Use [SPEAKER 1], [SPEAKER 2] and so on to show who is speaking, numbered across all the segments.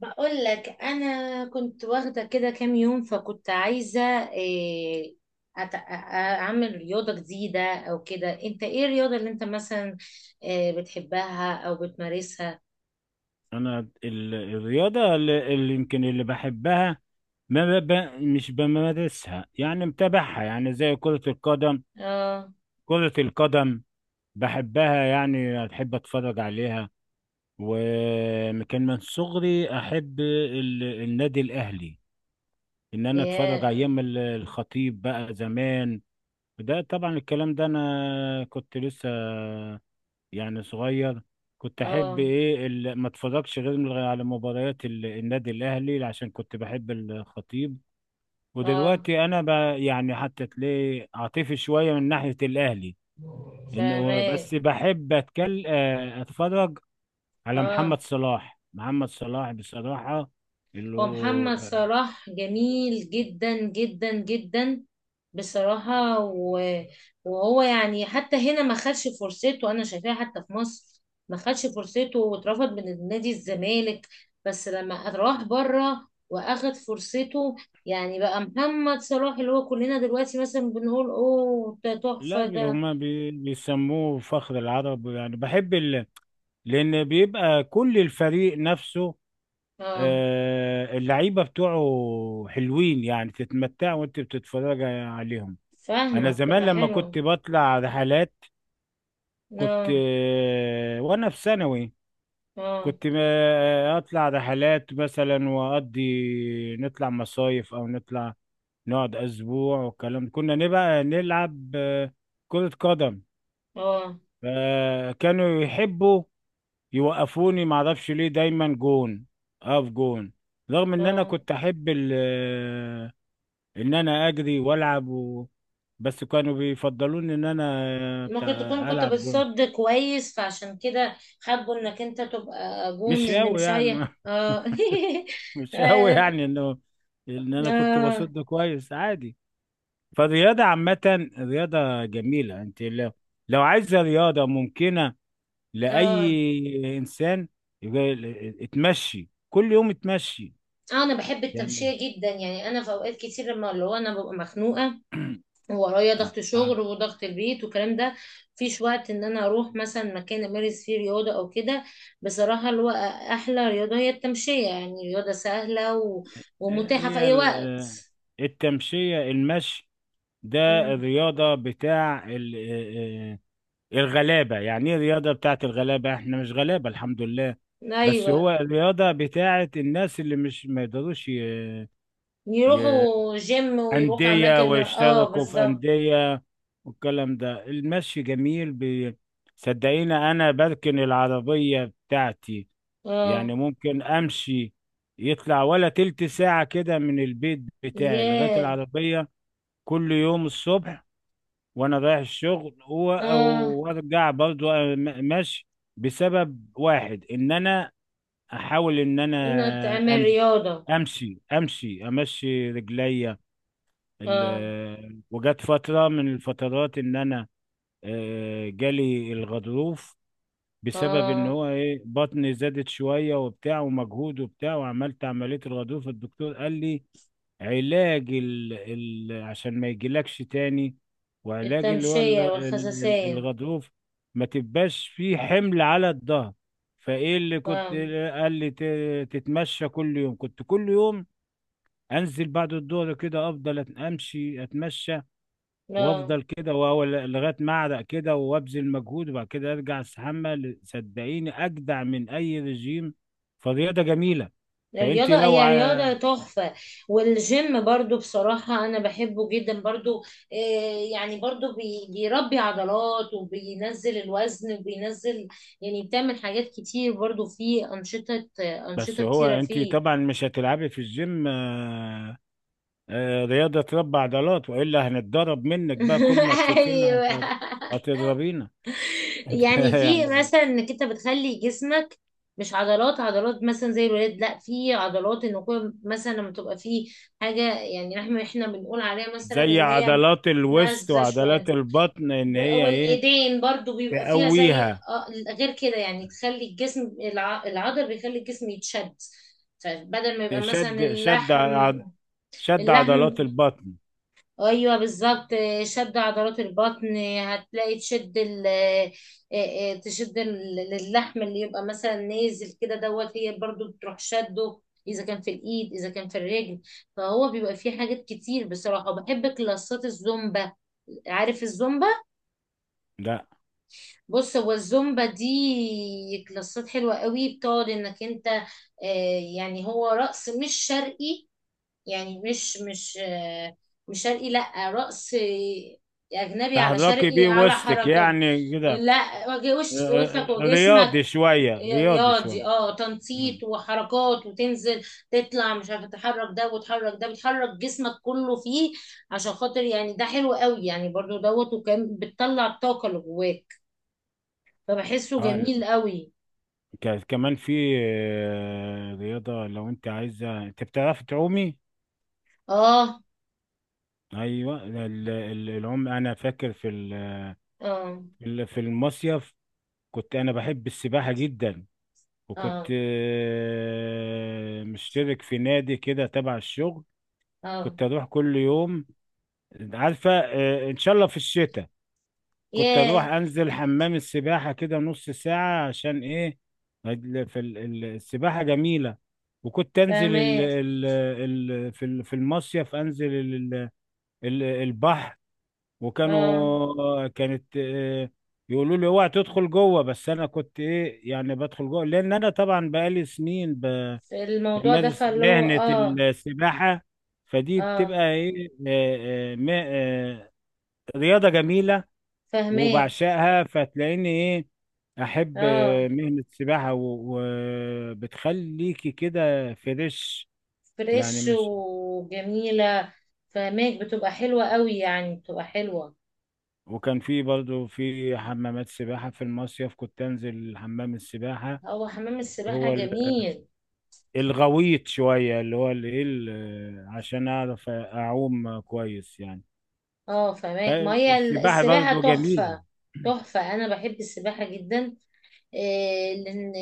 [SPEAKER 1] بقول لك انا كنت واخده كده كام يوم، فكنت عايزه إيه، أت- أ- اعمل رياضه جديده او كده. انت ايه الرياضه اللي انت مثلا بتحبها او بتمارسها؟
[SPEAKER 2] انا ال- الرياضه اللي يمكن اللي بحبها، ما ب... ب- مش بمارسها، يعني متابعها يعني زي كره القدم.
[SPEAKER 1] اه.
[SPEAKER 2] كره القدم بحبها، يعني بحب اتفرج عليها. وكان من صغري احب النادي الاهلي، ان انا اتفرج
[SPEAKER 1] يا.
[SPEAKER 2] ايام الخطيب بقى زمان. ده طبعا الكلام ده انا كنت لسه يعني صغير. كنت احب
[SPEAKER 1] اه.
[SPEAKER 2] ايه ما اتفرجش غير على مباريات النادي الاهلي عشان كنت بحب الخطيب.
[SPEAKER 1] اه.
[SPEAKER 2] ودلوقتي انا ب... يعني حتى تلاقي عاطفي شويه من ناحيه الاهلي، انه
[SPEAKER 1] فاهمك.
[SPEAKER 2] بس بحب اتكل آه، اتفرج على
[SPEAKER 1] اه.
[SPEAKER 2] محمد صلاح. محمد صلاح بصراحه اللي
[SPEAKER 1] هو
[SPEAKER 2] هو،
[SPEAKER 1] محمد صلاح جميل جدا جدا جدا بصراحة، وهو يعني حتى هنا ما خدش فرصته، أنا شايفاه حتى في مصر ما خدش فرصته واترفض من نادي الزمالك. بس لما راح بره وأخد فرصته، يعني بقى محمد صلاح اللي هو كلنا دلوقتي مثلا بنقول أوه ده
[SPEAKER 2] لا
[SPEAKER 1] تحفة
[SPEAKER 2] بي-
[SPEAKER 1] ده.
[SPEAKER 2] هما بي... بيسموه فخر العرب. يعني بحب لان بيبقى كل الفريق نفسه،
[SPEAKER 1] اه.
[SPEAKER 2] اللعيبه بتوعه حلوين، يعني تتمتع وانت بتتفرج عليهم. انا
[SPEAKER 1] فاهمة
[SPEAKER 2] زمان
[SPEAKER 1] بتبقى
[SPEAKER 2] لما
[SPEAKER 1] حلوة.
[SPEAKER 2] كنت بطلع رحلات كنت
[SPEAKER 1] اه.
[SPEAKER 2] وانا في ثانوي،
[SPEAKER 1] اه.
[SPEAKER 2] كنت اطلع رحلات مثلا واقضي، نطلع مصايف او نطلع نقعد اسبوع والكلام ده. كنا نبقى نلعب كرة قدم،
[SPEAKER 1] اه.
[SPEAKER 2] فكانوا يحبوا يوقفوني، معرفش ليه دايما جون، اقف جون. رغم ان انا
[SPEAKER 1] اه.
[SPEAKER 2] كنت احب ان انا اجري والعب بس كانوا بيفضلوني ان انا
[SPEAKER 1] ممكن تكون
[SPEAKER 2] بتاع
[SPEAKER 1] كنت
[SPEAKER 2] العب جون.
[SPEAKER 1] بتصد كويس، فعشان كده حابه انك انت تبقى جون،
[SPEAKER 2] مش
[SPEAKER 1] ان
[SPEAKER 2] قوي
[SPEAKER 1] مش
[SPEAKER 2] يعني
[SPEAKER 1] اي
[SPEAKER 2] ما-
[SPEAKER 1] اه
[SPEAKER 2] مش قوي
[SPEAKER 1] اه.
[SPEAKER 2] يعني انه ان انا كنت
[SPEAKER 1] اه.
[SPEAKER 2] بصد كويس عادي. فالرياضه عامه رياضه جميله. انت لو، لو عايزه رياضه ممكنه
[SPEAKER 1] اه.
[SPEAKER 2] لاي انسان، يبقى اتمشي كل يوم، اتمشي
[SPEAKER 1] انا بحب
[SPEAKER 2] يعني.
[SPEAKER 1] التمشية جدا، يعني انا في اوقات كتير لما اللي هو انا ببقى مخنوقة وورايا
[SPEAKER 2] آه،
[SPEAKER 1] ضغط
[SPEAKER 2] آه،
[SPEAKER 1] شغل وضغط البيت والكلام ده، مفيش وقت ان انا اروح مثلا مكان امارس فيه رياضة او كده. بصراحة اللي هو احلى رياضة هي التمشية، يعني رياضة سهلة ومتاحة في
[SPEAKER 2] هي
[SPEAKER 1] اي وقت.
[SPEAKER 2] التمشيه، المشي ده
[SPEAKER 1] مم.
[SPEAKER 2] الرياضه بتاع الغلابة. يعني ايه الرياضة بتاعت الغلابة؟ احنا مش غلابة الحمد لله، بس
[SPEAKER 1] ايوه.
[SPEAKER 2] هو الرياضة بتاعت الناس اللي مش ما يقدروش ي...
[SPEAKER 1] يروحوا جيم ويروحوا
[SPEAKER 2] أندية،
[SPEAKER 1] اماكن، اه،
[SPEAKER 2] ويشتركوا في
[SPEAKER 1] بالظبط.
[SPEAKER 2] أندية والكلام ده. المشي جميل، صدقيني أنا بركن العربية بتاعتي،
[SPEAKER 1] اه.
[SPEAKER 2] يعني ممكن أمشي يطلع ولا تلت ساعة كده من البيت بتاعي لغاية
[SPEAKER 1] ياه.
[SPEAKER 2] العربية. كل يوم الصبح وانا رايح الشغل
[SPEAKER 1] اه.
[SPEAKER 2] وارجع برضو ماشي، بسبب واحد ان انا احاول ان
[SPEAKER 1] انها
[SPEAKER 2] انا
[SPEAKER 1] تعمل
[SPEAKER 2] امشي
[SPEAKER 1] رياضة.
[SPEAKER 2] امشي امشي امشي رجليا.
[SPEAKER 1] اه.
[SPEAKER 2] وجت فتره من الفترات ان انا جالي الغضروف، بسبب ان
[SPEAKER 1] اه.
[SPEAKER 2] هو ايه، بطني زادت شويه وبتاع ومجهود وبتاع، وعملت عمليه الغضروف. الدكتور قال لي علاج عشان ما يجيلكش تاني، وعلاج اللي هو
[SPEAKER 1] التمشية والخساسين.
[SPEAKER 2] الغضروف، ما تبقاش فيه حمل على الظهر. فايه اللي كنت
[SPEAKER 1] فاهم.
[SPEAKER 2] قال لي، تتمشى كل يوم. كنت كل يوم انزل بعد الظهر كده، افضل امشي اتمشى،
[SPEAKER 1] لا.
[SPEAKER 2] وافضل كده لغايه ما اعرق كده وابذل مجهود، وبعد كده ارجع استحمى. صدقيني اجدع من اي رجيم، فالرياضه جميله. فانت
[SPEAKER 1] الرياضة
[SPEAKER 2] لو
[SPEAKER 1] هي رياضة تحفة. والجيم برضو بصراحة أنا بحبه جدا برضو. آه يعني برضو بيربي عضلات وبينزل الوزن وبينزل، يعني بتعمل حاجات كتير برضو، فيه أنشطة
[SPEAKER 2] بس
[SPEAKER 1] أنشطة
[SPEAKER 2] هو
[SPEAKER 1] كتيرة
[SPEAKER 2] انت
[SPEAKER 1] فيه.
[SPEAKER 2] طبعا مش هتلعبي في الجيم رياضة تربى عضلات، والا هنتضرب منك بقى، كل ما تشوفينا
[SPEAKER 1] ايوه.
[SPEAKER 2] هتضربينا انت.
[SPEAKER 1] يعني في
[SPEAKER 2] يعني
[SPEAKER 1] مثلا انك انت بتخلي جسمك مش عضلات عضلات مثلا زي الولاد، لا في عضلات. ان كل مثلا لما تبقى في حاجه، يعني احنا بنقول عليها مثلا
[SPEAKER 2] زي
[SPEAKER 1] ان هي
[SPEAKER 2] عضلات الوسط
[SPEAKER 1] نازله شويه.
[SPEAKER 2] وعضلات البطن، ان هي ايه،
[SPEAKER 1] والايدين برضو بيبقى فيها زي،
[SPEAKER 2] تقويها.
[SPEAKER 1] غير كده، يعني تخلي الجسم العضل، بيخلي الجسم يتشد، فبدل ما يبقى
[SPEAKER 2] شد
[SPEAKER 1] مثلا
[SPEAKER 2] شد
[SPEAKER 1] اللحم
[SPEAKER 2] ع- شد
[SPEAKER 1] اللحم
[SPEAKER 2] عضلات البطن.
[SPEAKER 1] ايوه بالظبط. شد عضلات البطن هتلاقي تشد ال آه، آه، تشد اللحم اللي يبقى مثلا نازل كده، دوت هي برضو بتروح شده، اذا كان في الايد اذا كان في الرجل. فهو بيبقى فيه حاجات كتير بصراحه. وبحب كلاسات الزومبا. عارف الزومبا؟
[SPEAKER 2] لا
[SPEAKER 1] بص، هو الزومبا دي كلاسات حلوه قوي، بتقعد انك انت يعني هو رقص مش شرقي، يعني مش مش شرقي، لا رقص اجنبي على
[SPEAKER 2] تحركي
[SPEAKER 1] شرقي
[SPEAKER 2] بيه
[SPEAKER 1] على
[SPEAKER 2] وسطك
[SPEAKER 1] حركات.
[SPEAKER 2] يعني كده.
[SPEAKER 1] لا وشك وجسمك.
[SPEAKER 2] رياضي شوية، رياضي شوية.
[SPEAKER 1] رياضي، تنطيط
[SPEAKER 2] مم.
[SPEAKER 1] وحركات، وتنزل تطلع، مش عارفه، تحرك ده وتحرك ده، بتحرك جسمك كله فيه، عشان خاطر يعني ده حلو قوي يعني، برضو دوت وكان بتطلع الطاقه اللي جواك، فبحسه
[SPEAKER 2] اه،
[SPEAKER 1] جميل قوي.
[SPEAKER 2] كمان في رياضة، لو انت عايزة، انت بتعرف تعومي؟
[SPEAKER 1] اه.
[SPEAKER 2] ايوه العوم. انا فاكر في
[SPEAKER 1] اه.
[SPEAKER 2] في المصيف، كنت انا بحب السباحة جدا، وكنت
[SPEAKER 1] اه.
[SPEAKER 2] مشترك في نادي كده تبع الشغل.
[SPEAKER 1] اه.
[SPEAKER 2] كنت اروح كل يوم، عارفة، ان شاء الله في الشتاء كنت اروح
[SPEAKER 1] ياه.
[SPEAKER 2] انزل حمام السباحه كده نص ساعه، عشان ايه، السباحه جميله. وكنت انزل
[SPEAKER 1] فاهمه.
[SPEAKER 2] في المصيف، انزل ال البحر.
[SPEAKER 1] اه.
[SPEAKER 2] كانت يقولوا لي اوعى تدخل جوه، بس انا كنت ايه، يعني بدخل جوه، لان انا طبعا بقالي سنين
[SPEAKER 1] في الموضوع ده
[SPEAKER 2] بمارس
[SPEAKER 1] فاللي هو
[SPEAKER 2] مهنه
[SPEAKER 1] اه.
[SPEAKER 2] السباحه. فدي
[SPEAKER 1] اه.
[SPEAKER 2] بتبقى ايه، رياضه جميله
[SPEAKER 1] فاهماك.
[SPEAKER 2] وبعشقها، فتلاقيني ايه احب
[SPEAKER 1] اه.
[SPEAKER 2] مهنة السباحة، وبتخليكي كده فريش، يعني
[SPEAKER 1] فريش
[SPEAKER 2] مش.
[SPEAKER 1] وجميلة. فاهماك بتبقى حلوة قوي، يعني بتبقى حلوة.
[SPEAKER 2] وكان في برضو في حمامات سباحة في المصيف كنت انزل حمام السباحة.
[SPEAKER 1] هو حمام السباحة
[SPEAKER 2] هو
[SPEAKER 1] جميل.
[SPEAKER 2] الغويط شوية، اللي هو اللي ايه عشان اعرف اعوم كويس يعني.
[SPEAKER 1] اه. فاهماك، ما هي
[SPEAKER 2] فالسباحة
[SPEAKER 1] السباحة
[SPEAKER 2] برضو جميلة.
[SPEAKER 1] تحفة. تحفة، انا بحب السباحة جدا. لان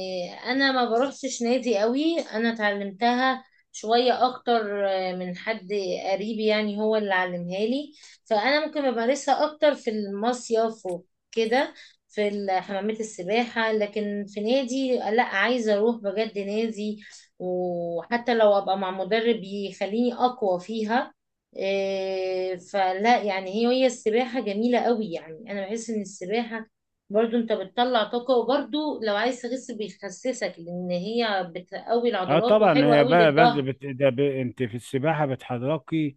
[SPEAKER 1] انا ما بروحش نادي قوي. انا اتعلمتها شوية اكتر من حد قريب، يعني هو اللي علمها لي. فانا ممكن بمارسها اكتر في المصيف وكده، في حمامات السباحة. لكن في نادي لا، عايزة اروح بجد نادي، وحتى لو ابقى مع مدرب يخليني اقوى فيها. فلا يعني هي السباحة جميلة قوي. يعني انا بحس ان السباحة برضو انت بتطلع طاقة، وبرضو لو عايز تخس بيخسسك، لان هي بتقوي
[SPEAKER 2] اه
[SPEAKER 1] العضلات
[SPEAKER 2] طبعا
[SPEAKER 1] وحلوة
[SPEAKER 2] هي
[SPEAKER 1] قوي
[SPEAKER 2] بقى، بس
[SPEAKER 1] للظهر.
[SPEAKER 2] بت... ده ب... انت في السباحة بتحركي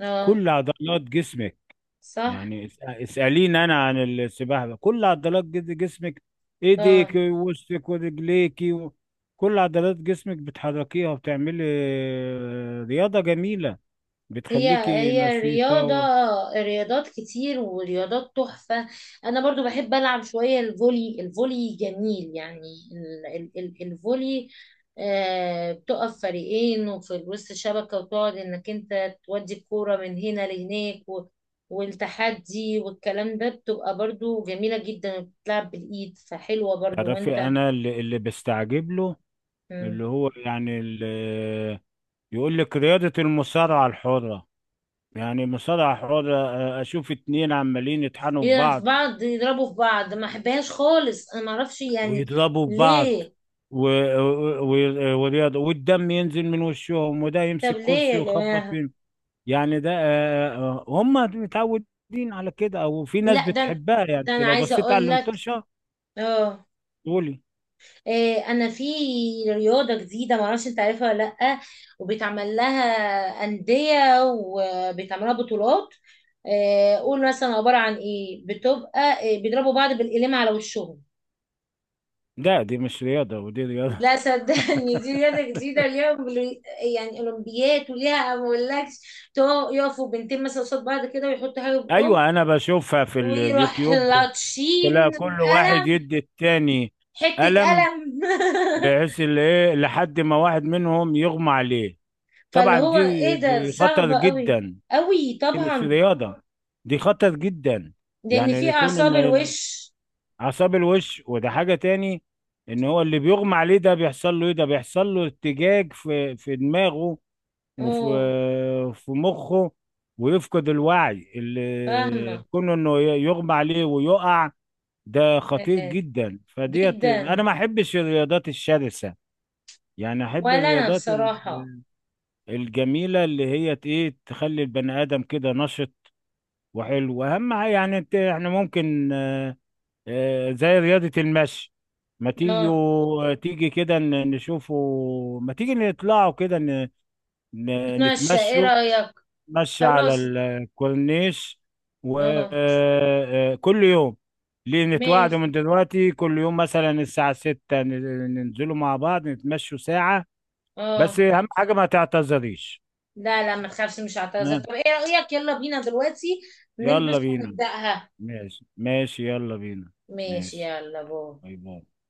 [SPEAKER 1] اه.
[SPEAKER 2] كل عضلات جسمك.
[SPEAKER 1] صح.
[SPEAKER 2] يعني اسأليني أنا عن السباحة بقى. كل عضلات جسمك،
[SPEAKER 1] اه.
[SPEAKER 2] إيديك ووسطك ورجليكي كل عضلات جسمك بتحركيها، وبتعملي رياضة جميلة
[SPEAKER 1] هي
[SPEAKER 2] بتخليكي
[SPEAKER 1] هي
[SPEAKER 2] نشيطة
[SPEAKER 1] رياضة، رياضات كتير ورياضات تحفة. أنا برضو بحب ألعب شوية الفولي، الفولي جميل يعني ال ال ال الفولي. بتقف فريقين وفي وسط الشبكة، وتقعد إنك أنت تودي الكورة من هنا لهناك، والتحدي والكلام ده، بتبقى برضو جميلة جدا، بتلعب بالإيد فحلوة برضو
[SPEAKER 2] تعرفي
[SPEAKER 1] وأنت.
[SPEAKER 2] أنا اللي بستعجب له،
[SPEAKER 1] مم.
[SPEAKER 2] اللي هو يعني اللي يقول لك رياضة المصارعة الحرة. يعني مصارعة حرة، أشوف 2 عمالين يطحنوا في
[SPEAKER 1] يلعب في
[SPEAKER 2] بعض
[SPEAKER 1] بعض يضربوا في بعض، ما أحبهاش خالص، أنا معرفش يعني
[SPEAKER 2] ويضربوا في بعض،
[SPEAKER 1] ليه.
[SPEAKER 2] ورياضة والدم ينزل من وشهم، وده
[SPEAKER 1] طب
[SPEAKER 2] يمسك
[SPEAKER 1] ليه
[SPEAKER 2] كرسي
[SPEAKER 1] يا
[SPEAKER 2] ويخبط
[SPEAKER 1] جماعة؟
[SPEAKER 2] فيه. يعني ده هم متعودين على كده، او في ناس
[SPEAKER 1] لا ده
[SPEAKER 2] بتحبها. يعني انت
[SPEAKER 1] انا
[SPEAKER 2] لو
[SPEAKER 1] عايزة
[SPEAKER 2] بصيت على
[SPEAKER 1] اقول لك.
[SPEAKER 2] المطرشة
[SPEAKER 1] اه.
[SPEAKER 2] تقولي،
[SPEAKER 1] انا في رياضة جديدة، معرفش انت عارفها ولا لا، وبيتعمل لها أندية وبيتعمل لها بطولات. قول، مثلا عبارة عن ايه، بتبقى إيه، بيضربوا بعض بالقلم على وشهم.
[SPEAKER 2] لا دي مش رياضة. ودي رياضة
[SPEAKER 1] لا صدقني دي رياضة جديدة، ليها يعني أولمبيات، وليها ما أقولكش. يقفوا بنتين مثلا قصاد بعض كده ويحطوا حاجة بأم،
[SPEAKER 2] ايوه انا بشوفها في
[SPEAKER 1] ويروح
[SPEAKER 2] اليوتيوب، تلاقي
[SPEAKER 1] لطشين
[SPEAKER 2] كل واحد
[SPEAKER 1] قلم،
[SPEAKER 2] يدي التاني
[SPEAKER 1] حتة
[SPEAKER 2] قلم،
[SPEAKER 1] قلم.
[SPEAKER 2] بحيث اللي ايه لحد ما واحد منهم يغمى عليه.
[SPEAKER 1] فاللي
[SPEAKER 2] طبعا
[SPEAKER 1] هو
[SPEAKER 2] دي
[SPEAKER 1] ايه، ده
[SPEAKER 2] دي خطر
[SPEAKER 1] صعبة قوي
[SPEAKER 2] جدا،
[SPEAKER 1] قوي
[SPEAKER 2] دي مش
[SPEAKER 1] طبعا.
[SPEAKER 2] رياضة، دي خطر جدا.
[SPEAKER 1] لان
[SPEAKER 2] يعني
[SPEAKER 1] في
[SPEAKER 2] يكون ان
[SPEAKER 1] اعصاب الوش.
[SPEAKER 2] اعصاب الوش، وده حاجة تاني. ان هو اللي بيغمى عليه ده بيحصل له ايه، ده بيحصل له ارتجاج في دماغه وفي
[SPEAKER 1] اه.
[SPEAKER 2] في مخه، ويفقد الوعي،
[SPEAKER 1] فاهمة
[SPEAKER 2] اللي كونه انه يغمى عليه ويقع. ده خطير
[SPEAKER 1] آه،
[SPEAKER 2] جدا، فديت انا
[SPEAKER 1] جدا.
[SPEAKER 2] ما احبش الرياضات الشرسة. يعني احب
[SPEAKER 1] ولا انا
[SPEAKER 2] الرياضات
[SPEAKER 1] بصراحة.
[SPEAKER 2] الجميلة اللي هي ت- ايه تخلي البني ادم كده نشط وحلو. واهم حاجه يعني انت، احنا ممكن زي رياضه المشي، ما
[SPEAKER 1] اه.
[SPEAKER 2] تيجوا، تيجي كده نشوفوا، ما تيجي نطلعوا كده
[SPEAKER 1] اتمشى ايه
[SPEAKER 2] نتمشوا،
[SPEAKER 1] رأيك؟
[SPEAKER 2] نتمشى على
[SPEAKER 1] خلاص.
[SPEAKER 2] الكورنيش
[SPEAKER 1] اه.
[SPEAKER 2] وكل يوم. ليه
[SPEAKER 1] ماشي.
[SPEAKER 2] نتواعدوا من دلوقتي، كل يوم مثلا الساعة 6 ننزلوا مع بعض نتمشوا ساعة، بس
[SPEAKER 1] اه.
[SPEAKER 2] أهم حاجة ما تعتذريش.
[SPEAKER 1] لا لا، ما تخافش، مش هعتذر.
[SPEAKER 2] ها،
[SPEAKER 1] طب ايه رأيك؟ يلا بينا دلوقتي
[SPEAKER 2] يلا
[SPEAKER 1] نلبس
[SPEAKER 2] بينا.
[SPEAKER 1] ونبدأها.
[SPEAKER 2] ماشي، ماشي، يلا بينا.
[SPEAKER 1] ماشي،
[SPEAKER 2] ماشي،
[SPEAKER 1] يلا باي.
[SPEAKER 2] باي باي.